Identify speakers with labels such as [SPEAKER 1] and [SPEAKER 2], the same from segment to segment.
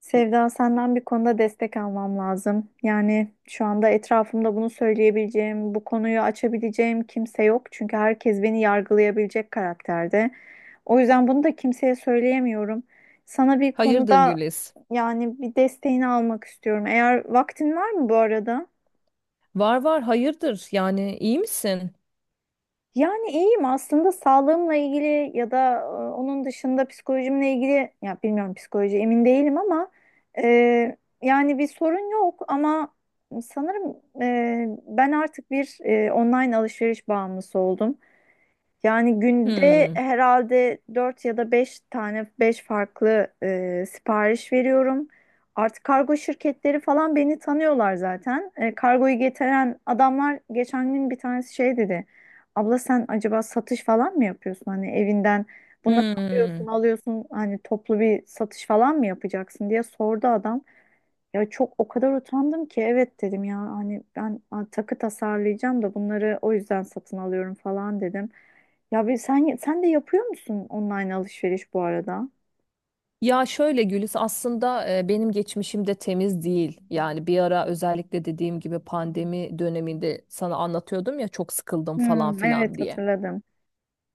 [SPEAKER 1] Sevda, senden bir konuda destek almam lazım. Yani şu anda etrafımda bunu söyleyebileceğim, bu konuyu açabileceğim kimse yok. Çünkü herkes beni yargılayabilecek karakterde. O yüzden bunu da kimseye söyleyemiyorum. Sana bir
[SPEAKER 2] Hayırdır
[SPEAKER 1] konuda
[SPEAKER 2] Güliz?
[SPEAKER 1] yani bir desteğini almak istiyorum. Eğer vaktin var mı bu arada?
[SPEAKER 2] Var var hayırdır. Yani iyi misin?
[SPEAKER 1] Yani iyiyim aslında, sağlığımla ilgili ya da onun dışında psikolojimle ilgili, ya bilmiyorum, psikoloji emin değilim ama e, yani bir sorun yok ama sanırım ben artık bir online alışveriş bağımlısı oldum. Yani günde
[SPEAKER 2] Hmm.
[SPEAKER 1] herhalde 4 ya da 5 tane, 5 farklı sipariş veriyorum. Artık kargo şirketleri falan beni tanıyorlar zaten. Kargoyu getiren adamlar, geçen gün bir tanesi şey dedi. Abla, sen acaba satış falan mı yapıyorsun? Hani evinden bunları alıyorsun
[SPEAKER 2] Hmm.
[SPEAKER 1] alıyorsun, hani toplu bir satış falan mı yapacaksın diye sordu adam. Ya çok, o kadar utandım ki, evet dedim, ya hani ben takı tasarlayacağım da bunları o yüzden satın alıyorum falan dedim. Ya bir sen de yapıyor musun online alışveriş bu arada?
[SPEAKER 2] Ya şöyle Güliz aslında benim geçmişim de temiz değil. Yani bir ara özellikle dediğim gibi pandemi döneminde sana anlatıyordum ya çok sıkıldım falan
[SPEAKER 1] Hmm, evet,
[SPEAKER 2] filan diye.
[SPEAKER 1] hatırladım.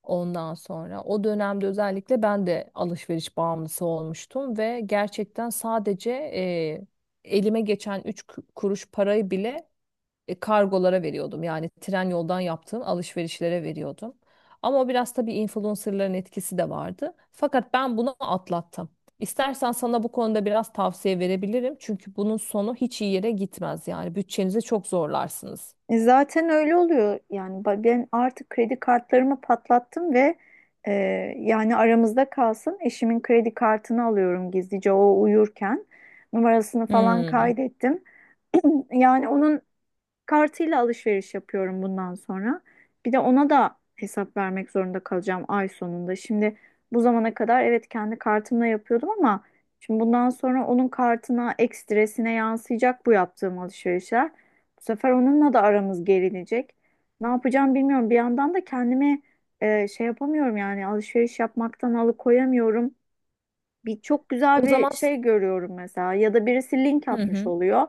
[SPEAKER 2] Ondan sonra o dönemde özellikle ben de alışveriş bağımlısı olmuştum ve gerçekten sadece elime geçen 3 kuruş parayı bile kargolara veriyordum. Yani tren yoldan yaptığım alışverişlere veriyordum. Ama o biraz tabii influencerların etkisi de vardı. Fakat ben bunu atlattım. İstersen sana bu konuda biraz tavsiye verebilirim. Çünkü bunun sonu hiç iyi yere gitmez yani. Bütçenizi çok zorlarsınız.
[SPEAKER 1] E zaten öyle oluyor. Yani ben artık kredi kartlarımı patlattım ve e, yani aramızda kalsın, eşimin kredi kartını alıyorum gizlice o uyurken. Numarasını falan
[SPEAKER 2] Hmm.
[SPEAKER 1] kaydettim. Yani onun kartıyla alışveriş yapıyorum bundan sonra. Bir de ona da hesap vermek zorunda kalacağım ay sonunda. Şimdi bu zamana kadar evet kendi kartımla yapıyordum ama şimdi bundan sonra onun kartına, ekstresine yansıyacak bu yaptığım alışverişler. Bu sefer onunla da aramız gerilecek. Ne yapacağım bilmiyorum. Bir yandan da kendimi şey yapamıyorum, yani alışveriş yapmaktan alıkoyamıyorum. Bir çok güzel
[SPEAKER 2] O
[SPEAKER 1] bir
[SPEAKER 2] zaman
[SPEAKER 1] şey görüyorum mesela, ya da birisi link
[SPEAKER 2] Hı
[SPEAKER 1] atmış
[SPEAKER 2] hı.
[SPEAKER 1] oluyor.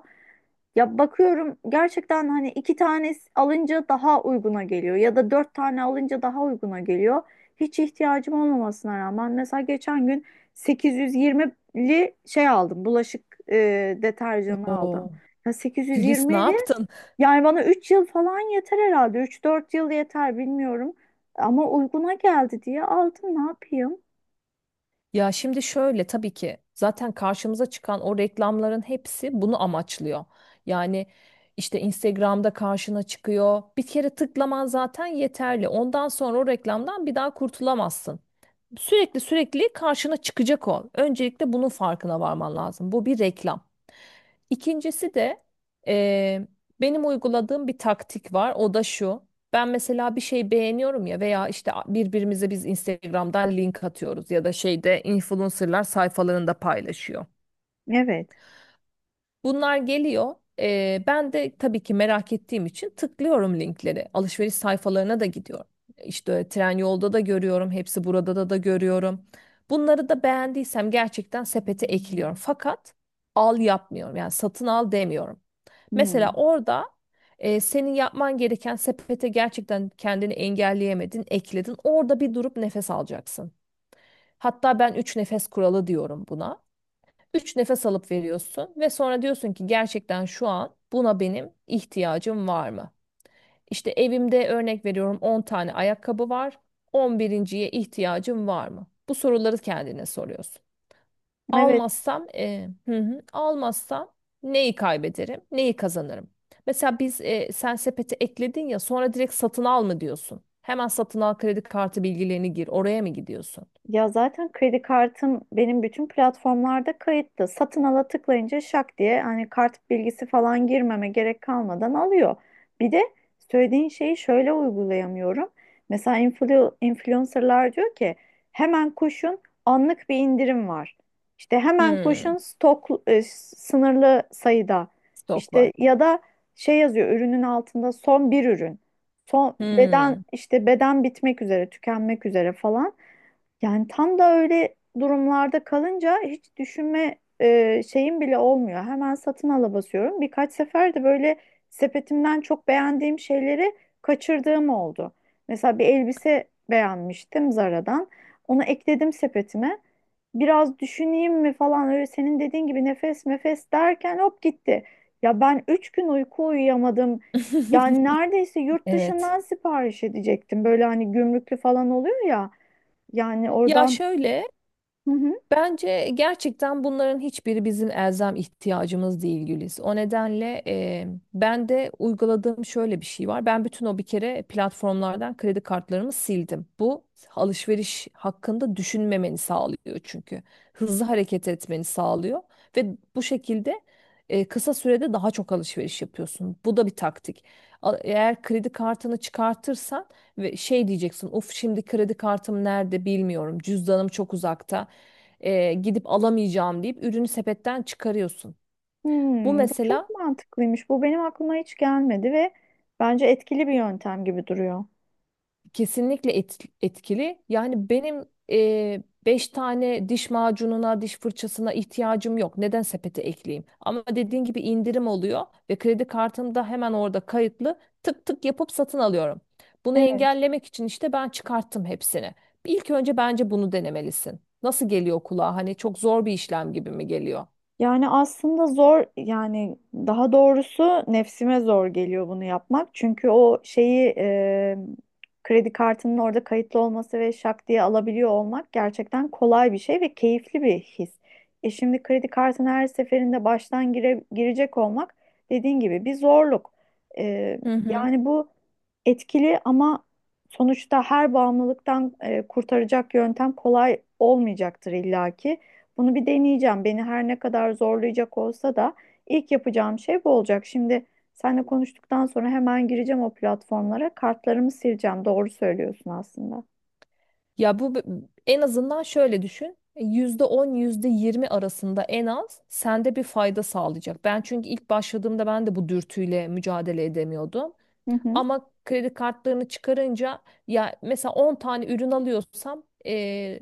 [SPEAKER 1] Ya bakıyorum, gerçekten hani iki tane alınca daha uyguna geliyor ya da dört tane alınca daha uyguna geliyor. Hiç ihtiyacım olmamasına rağmen, mesela geçen gün 820'li şey aldım, bulaşık deterjanı aldım.
[SPEAKER 2] o
[SPEAKER 1] Ya
[SPEAKER 2] Gülis ne
[SPEAKER 1] 820'li,
[SPEAKER 2] yaptın?
[SPEAKER 1] yani bana 3 yıl falan yeter herhalde, 3-4 yıl yeter bilmiyorum ama uyguna geldi diye aldım, ne yapayım?
[SPEAKER 2] Ya şimdi şöyle tabii ki zaten karşımıza çıkan o reklamların hepsi bunu amaçlıyor. Yani işte Instagram'da karşına çıkıyor. Bir kere tıklaman zaten yeterli. Ondan sonra o reklamdan bir daha kurtulamazsın. Sürekli sürekli karşına çıkacak o. Öncelikle bunun farkına varman lazım. Bu bir reklam. İkincisi de eee, benim uyguladığım bir taktik var. O da şu. Ben mesela bir şey beğeniyorum ya veya işte birbirimize biz Instagram'dan link atıyoruz ya da şeyde influencerlar sayfalarında paylaşıyor.
[SPEAKER 1] Evet.
[SPEAKER 2] Bunlar geliyor. Ben de tabii ki merak ettiğim için tıklıyorum linkleri. Alışveriş sayfalarına da gidiyorum. İşte tren yolda da görüyorum. Hepsi burada da görüyorum. Bunları da beğendiysem gerçekten sepete ekliyorum. Fakat al yapmıyorum. Yani satın al demiyorum. Mesela
[SPEAKER 1] Hmm.
[SPEAKER 2] orada senin yapman gereken sepete gerçekten kendini engelleyemedin, ekledin. Orada bir durup nefes alacaksın. Hatta ben üç nefes kuralı diyorum buna. Üç nefes alıp veriyorsun ve sonra diyorsun ki gerçekten şu an buna benim ihtiyacım var mı? İşte evimde örnek veriyorum 10 tane ayakkabı var. 11'inciye ihtiyacım var mı? Bu soruları kendine soruyorsun.
[SPEAKER 1] Evet.
[SPEAKER 2] Almazsam, hı hı, almazsam neyi kaybederim, neyi kazanırım? Mesela sen sepete ekledin ya sonra direkt satın al mı diyorsun? Hemen satın al kredi kartı bilgilerini gir. Oraya mı gidiyorsun?
[SPEAKER 1] Ya zaten kredi kartım benim bütün platformlarda kayıtlı. Satın ala tıklayınca şak diye, hani kart bilgisi falan girmeme gerek kalmadan alıyor. Bir de söylediğin şeyi şöyle uygulayamıyorum. Mesela influencerlar diyor ki hemen koşun, anlık bir indirim var. İşte hemen
[SPEAKER 2] Hmm,
[SPEAKER 1] koşun, stok sınırlı sayıda.
[SPEAKER 2] stok var.
[SPEAKER 1] İşte ya da şey yazıyor ürünün altında, son bir ürün. Son beden,
[SPEAKER 2] Hmm.
[SPEAKER 1] işte beden bitmek üzere, tükenmek üzere falan. Yani tam da öyle durumlarda kalınca hiç düşünme şeyim bile olmuyor. Hemen satın ala basıyorum. Birkaç sefer de böyle sepetimden çok beğendiğim şeyleri kaçırdığım oldu. Mesela bir elbise beğenmiştim Zara'dan. Onu ekledim sepetime. Biraz düşüneyim mi falan, öyle senin dediğin gibi nefes nefes derken hop gitti. Ya ben 3 gün uyku uyuyamadım. Yani neredeyse yurt
[SPEAKER 2] Evet.
[SPEAKER 1] dışından sipariş edecektim. Böyle hani gümrüklü falan oluyor ya. Yani
[SPEAKER 2] Ya
[SPEAKER 1] oradan.
[SPEAKER 2] şöyle
[SPEAKER 1] Hı hı.
[SPEAKER 2] Bence gerçekten bunların hiçbiri bizim elzem ihtiyacımız değil Güliz. O nedenle ben de uyguladığım şöyle bir şey var. Ben bütün o bir kere platformlardan kredi kartlarımı sildim. Bu alışveriş hakkında düşünmemeni sağlıyor çünkü. Hızlı hareket etmeni sağlıyor ve bu şekilde kısa sürede daha çok alışveriş yapıyorsun. Bu da bir taktik. Eğer kredi kartını çıkartırsan ve şey diyeceksin, "Uf şimdi kredi kartım nerede bilmiyorum. Cüzdanım çok uzakta." Gidip alamayacağım deyip ürünü sepetten çıkarıyorsun. Bu
[SPEAKER 1] Bu çok
[SPEAKER 2] mesela
[SPEAKER 1] mantıklıymış. Bu benim aklıma hiç gelmedi ve bence etkili bir yöntem gibi duruyor.
[SPEAKER 2] kesinlikle etkili. Yani benim beş tane diş macununa, diş fırçasına ihtiyacım yok. Neden sepete ekleyeyim? Ama dediğin gibi indirim oluyor ve kredi kartım da hemen orada kayıtlı. Tık tık yapıp satın alıyorum. Bunu
[SPEAKER 1] Evet.
[SPEAKER 2] engellemek için işte ben çıkarttım hepsini. İlk önce bence bunu denemelisin. Nasıl geliyor kulağa? Hani çok zor bir işlem gibi mi geliyor?
[SPEAKER 1] Yani aslında zor, yani daha doğrusu nefsime zor geliyor bunu yapmak. Çünkü o şeyi, kredi kartının orada kayıtlı olması ve şak diye alabiliyor olmak gerçekten kolay bir şey ve keyifli bir his. E şimdi kredi kartına her seferinde baştan girecek olmak dediğin gibi bir zorluk. E,
[SPEAKER 2] Hı hı.
[SPEAKER 1] Yani bu etkili ama sonuçta her bağımlılıktan kurtaracak yöntem kolay olmayacaktır illaki. Bunu bir deneyeceğim. Beni her ne kadar zorlayacak olsa da ilk yapacağım şey bu olacak. Şimdi seninle konuştuktan sonra hemen gireceğim o platformlara. Kartlarımı sileceğim. Doğru söylüyorsun aslında.
[SPEAKER 2] Ya bu b- En azından şöyle düşün. E, %10 yüzde yirmi arasında en az sende bir fayda sağlayacak. Ben çünkü ilk başladığımda ben de bu dürtüyle mücadele edemiyordum.
[SPEAKER 1] Hı hı.
[SPEAKER 2] Ama kredi kartlarını çıkarınca ya mesela 10 tane ürün alıyorsam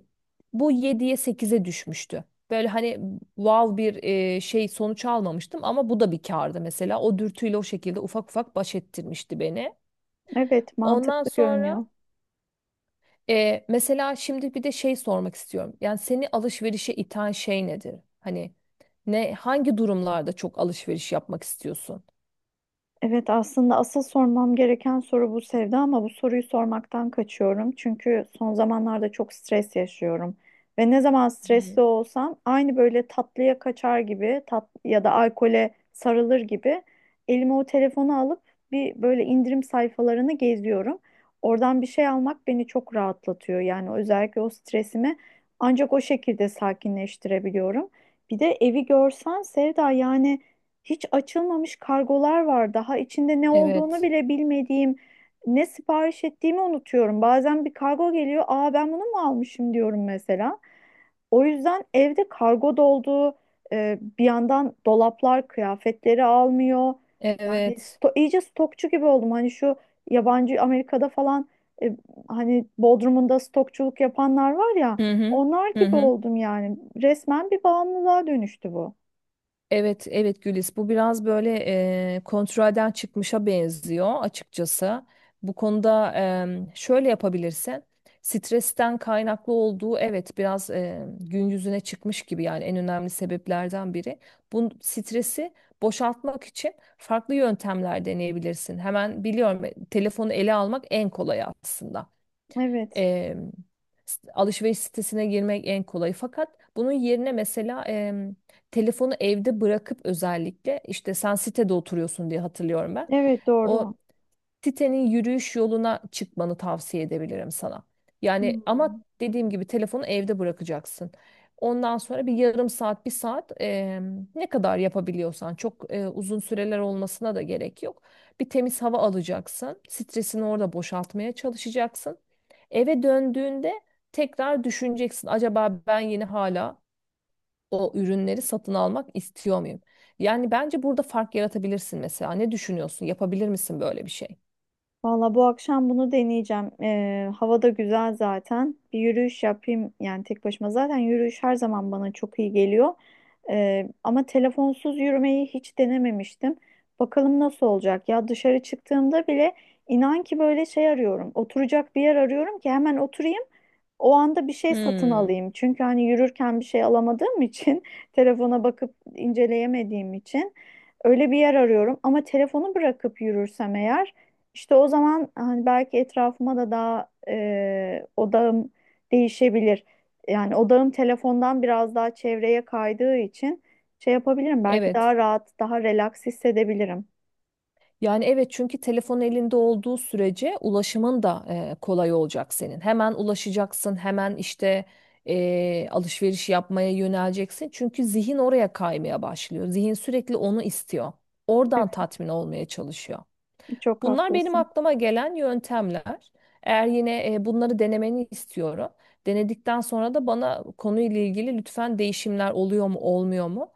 [SPEAKER 2] bu yediye sekize düşmüştü. Böyle hani wow bir şey sonuç almamıştım ama bu da bir kârdı mesela. O dürtüyle o şekilde ufak ufak baş ettirmişti beni.
[SPEAKER 1] Evet,
[SPEAKER 2] Ondan
[SPEAKER 1] mantıklı
[SPEAKER 2] sonra
[SPEAKER 1] görünüyor.
[SPEAKER 2] mesela şimdi bir de şey sormak istiyorum. Yani seni alışverişe iten şey nedir? Hani ne hangi durumlarda çok alışveriş yapmak istiyorsun?
[SPEAKER 1] Evet, aslında asıl sormam gereken soru bu Sevda ama bu soruyu sormaktan kaçıyorum. Çünkü son zamanlarda çok stres yaşıyorum. Ve ne zaman
[SPEAKER 2] Hı.
[SPEAKER 1] stresli olsam, aynı böyle tatlıya kaçar gibi, tat ya da alkole sarılır gibi elime o telefonu alıp bir böyle indirim sayfalarını geziyorum. Oradan bir şey almak beni çok rahatlatıyor. Yani özellikle o stresimi ancak o şekilde sakinleştirebiliyorum. Bir de evi görsen Sevda, yani hiç açılmamış kargolar var. Daha içinde ne olduğunu
[SPEAKER 2] Evet.
[SPEAKER 1] bile bilmediğim, ne sipariş ettiğimi unutuyorum. Bazen bir kargo geliyor, aa ben bunu mu almışım diyorum mesela. O yüzden evde kargo doldu. Bir yandan dolaplar kıyafetleri almıyor. Yani
[SPEAKER 2] Evet.
[SPEAKER 1] iyice stokçu gibi oldum. Hani şu yabancı, Amerika'da falan, e, hani Bodrum'unda stokçuluk yapanlar var ya,
[SPEAKER 2] Hı hı.
[SPEAKER 1] onlar
[SPEAKER 2] Hı
[SPEAKER 1] gibi
[SPEAKER 2] hı.
[SPEAKER 1] oldum yani. Resmen bir bağımlılığa dönüştü bu.
[SPEAKER 2] Evet, evet Gülis. Bu biraz böyle kontrolden çıkmışa benziyor açıkçası. Bu konuda şöyle yapabilirsin. Stresten kaynaklı olduğu evet biraz gün yüzüne çıkmış gibi yani en önemli sebeplerden biri. Bu stresi boşaltmak için farklı yöntemler deneyebilirsin. Hemen biliyorum telefonu ele almak en kolay aslında
[SPEAKER 1] Evet.
[SPEAKER 2] e, alışveriş sitesine girmek en kolayı. Fakat bunun yerine mesela telefonu evde bırakıp özellikle işte sen sitede oturuyorsun diye hatırlıyorum ben.
[SPEAKER 1] Evet,
[SPEAKER 2] O
[SPEAKER 1] doğru.
[SPEAKER 2] sitenin yürüyüş yoluna çıkmanı tavsiye edebilirim sana. Yani ama
[SPEAKER 1] Hmm.
[SPEAKER 2] dediğim gibi telefonu evde bırakacaksın. Ondan sonra bir yarım saat, bir saat ne kadar yapabiliyorsan çok uzun süreler olmasına da gerek yok. Bir temiz hava alacaksın. Stresini orada boşaltmaya çalışacaksın. Eve döndüğünde tekrar düşüneceksin. Acaba ben yine hala o ürünleri satın almak istiyor muyum? Yani bence burada fark yaratabilirsin mesela. Ne düşünüyorsun? Yapabilir misin böyle bir şey?
[SPEAKER 1] Valla bu akşam bunu deneyeceğim. Hava da güzel zaten. Bir yürüyüş yapayım, yani tek başıma. Zaten yürüyüş her zaman bana çok iyi geliyor. Ama telefonsuz yürümeyi hiç denememiştim. Bakalım nasıl olacak. Ya dışarı çıktığımda bile, inan ki, böyle şey arıyorum, oturacak bir yer arıyorum ki hemen oturayım. O anda bir şey satın
[SPEAKER 2] Hmm,
[SPEAKER 1] alayım. Çünkü hani yürürken bir şey alamadığım için, telefona bakıp inceleyemediğim için öyle bir yer arıyorum. Ama telefonu bırakıp yürürsem eğer, işte o zaman hani belki etrafıma da daha odağım değişebilir. Yani odağım telefondan biraz daha çevreye kaydığı için şey yapabilirim. Belki
[SPEAKER 2] evet.
[SPEAKER 1] daha rahat, daha relax hissedebilirim.
[SPEAKER 2] Yani evet çünkü telefon elinde olduğu sürece ulaşımın da kolay olacak senin. Hemen ulaşacaksın, hemen işte alışveriş yapmaya yöneleceksin. Çünkü zihin oraya kaymaya başlıyor. Zihin sürekli onu istiyor. Oradan tatmin olmaya çalışıyor.
[SPEAKER 1] Çok
[SPEAKER 2] Bunlar benim
[SPEAKER 1] haklısın.
[SPEAKER 2] aklıma gelen yöntemler. Eğer yine bunları denemeni istiyorum. Denedikten sonra da bana konuyla ilgili lütfen değişimler oluyor mu olmuyor mu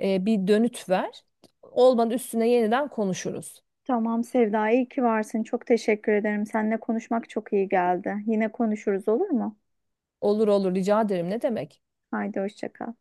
[SPEAKER 2] bir dönüt ver. Olmadı üstüne yeniden konuşuruz.
[SPEAKER 1] Tamam Sevda, iyi ki varsın. Çok teşekkür ederim. Seninle konuşmak çok iyi geldi. Yine konuşuruz, olur mu?
[SPEAKER 2] Olur olur rica ederim ne demek.
[SPEAKER 1] Haydi hoşça kal.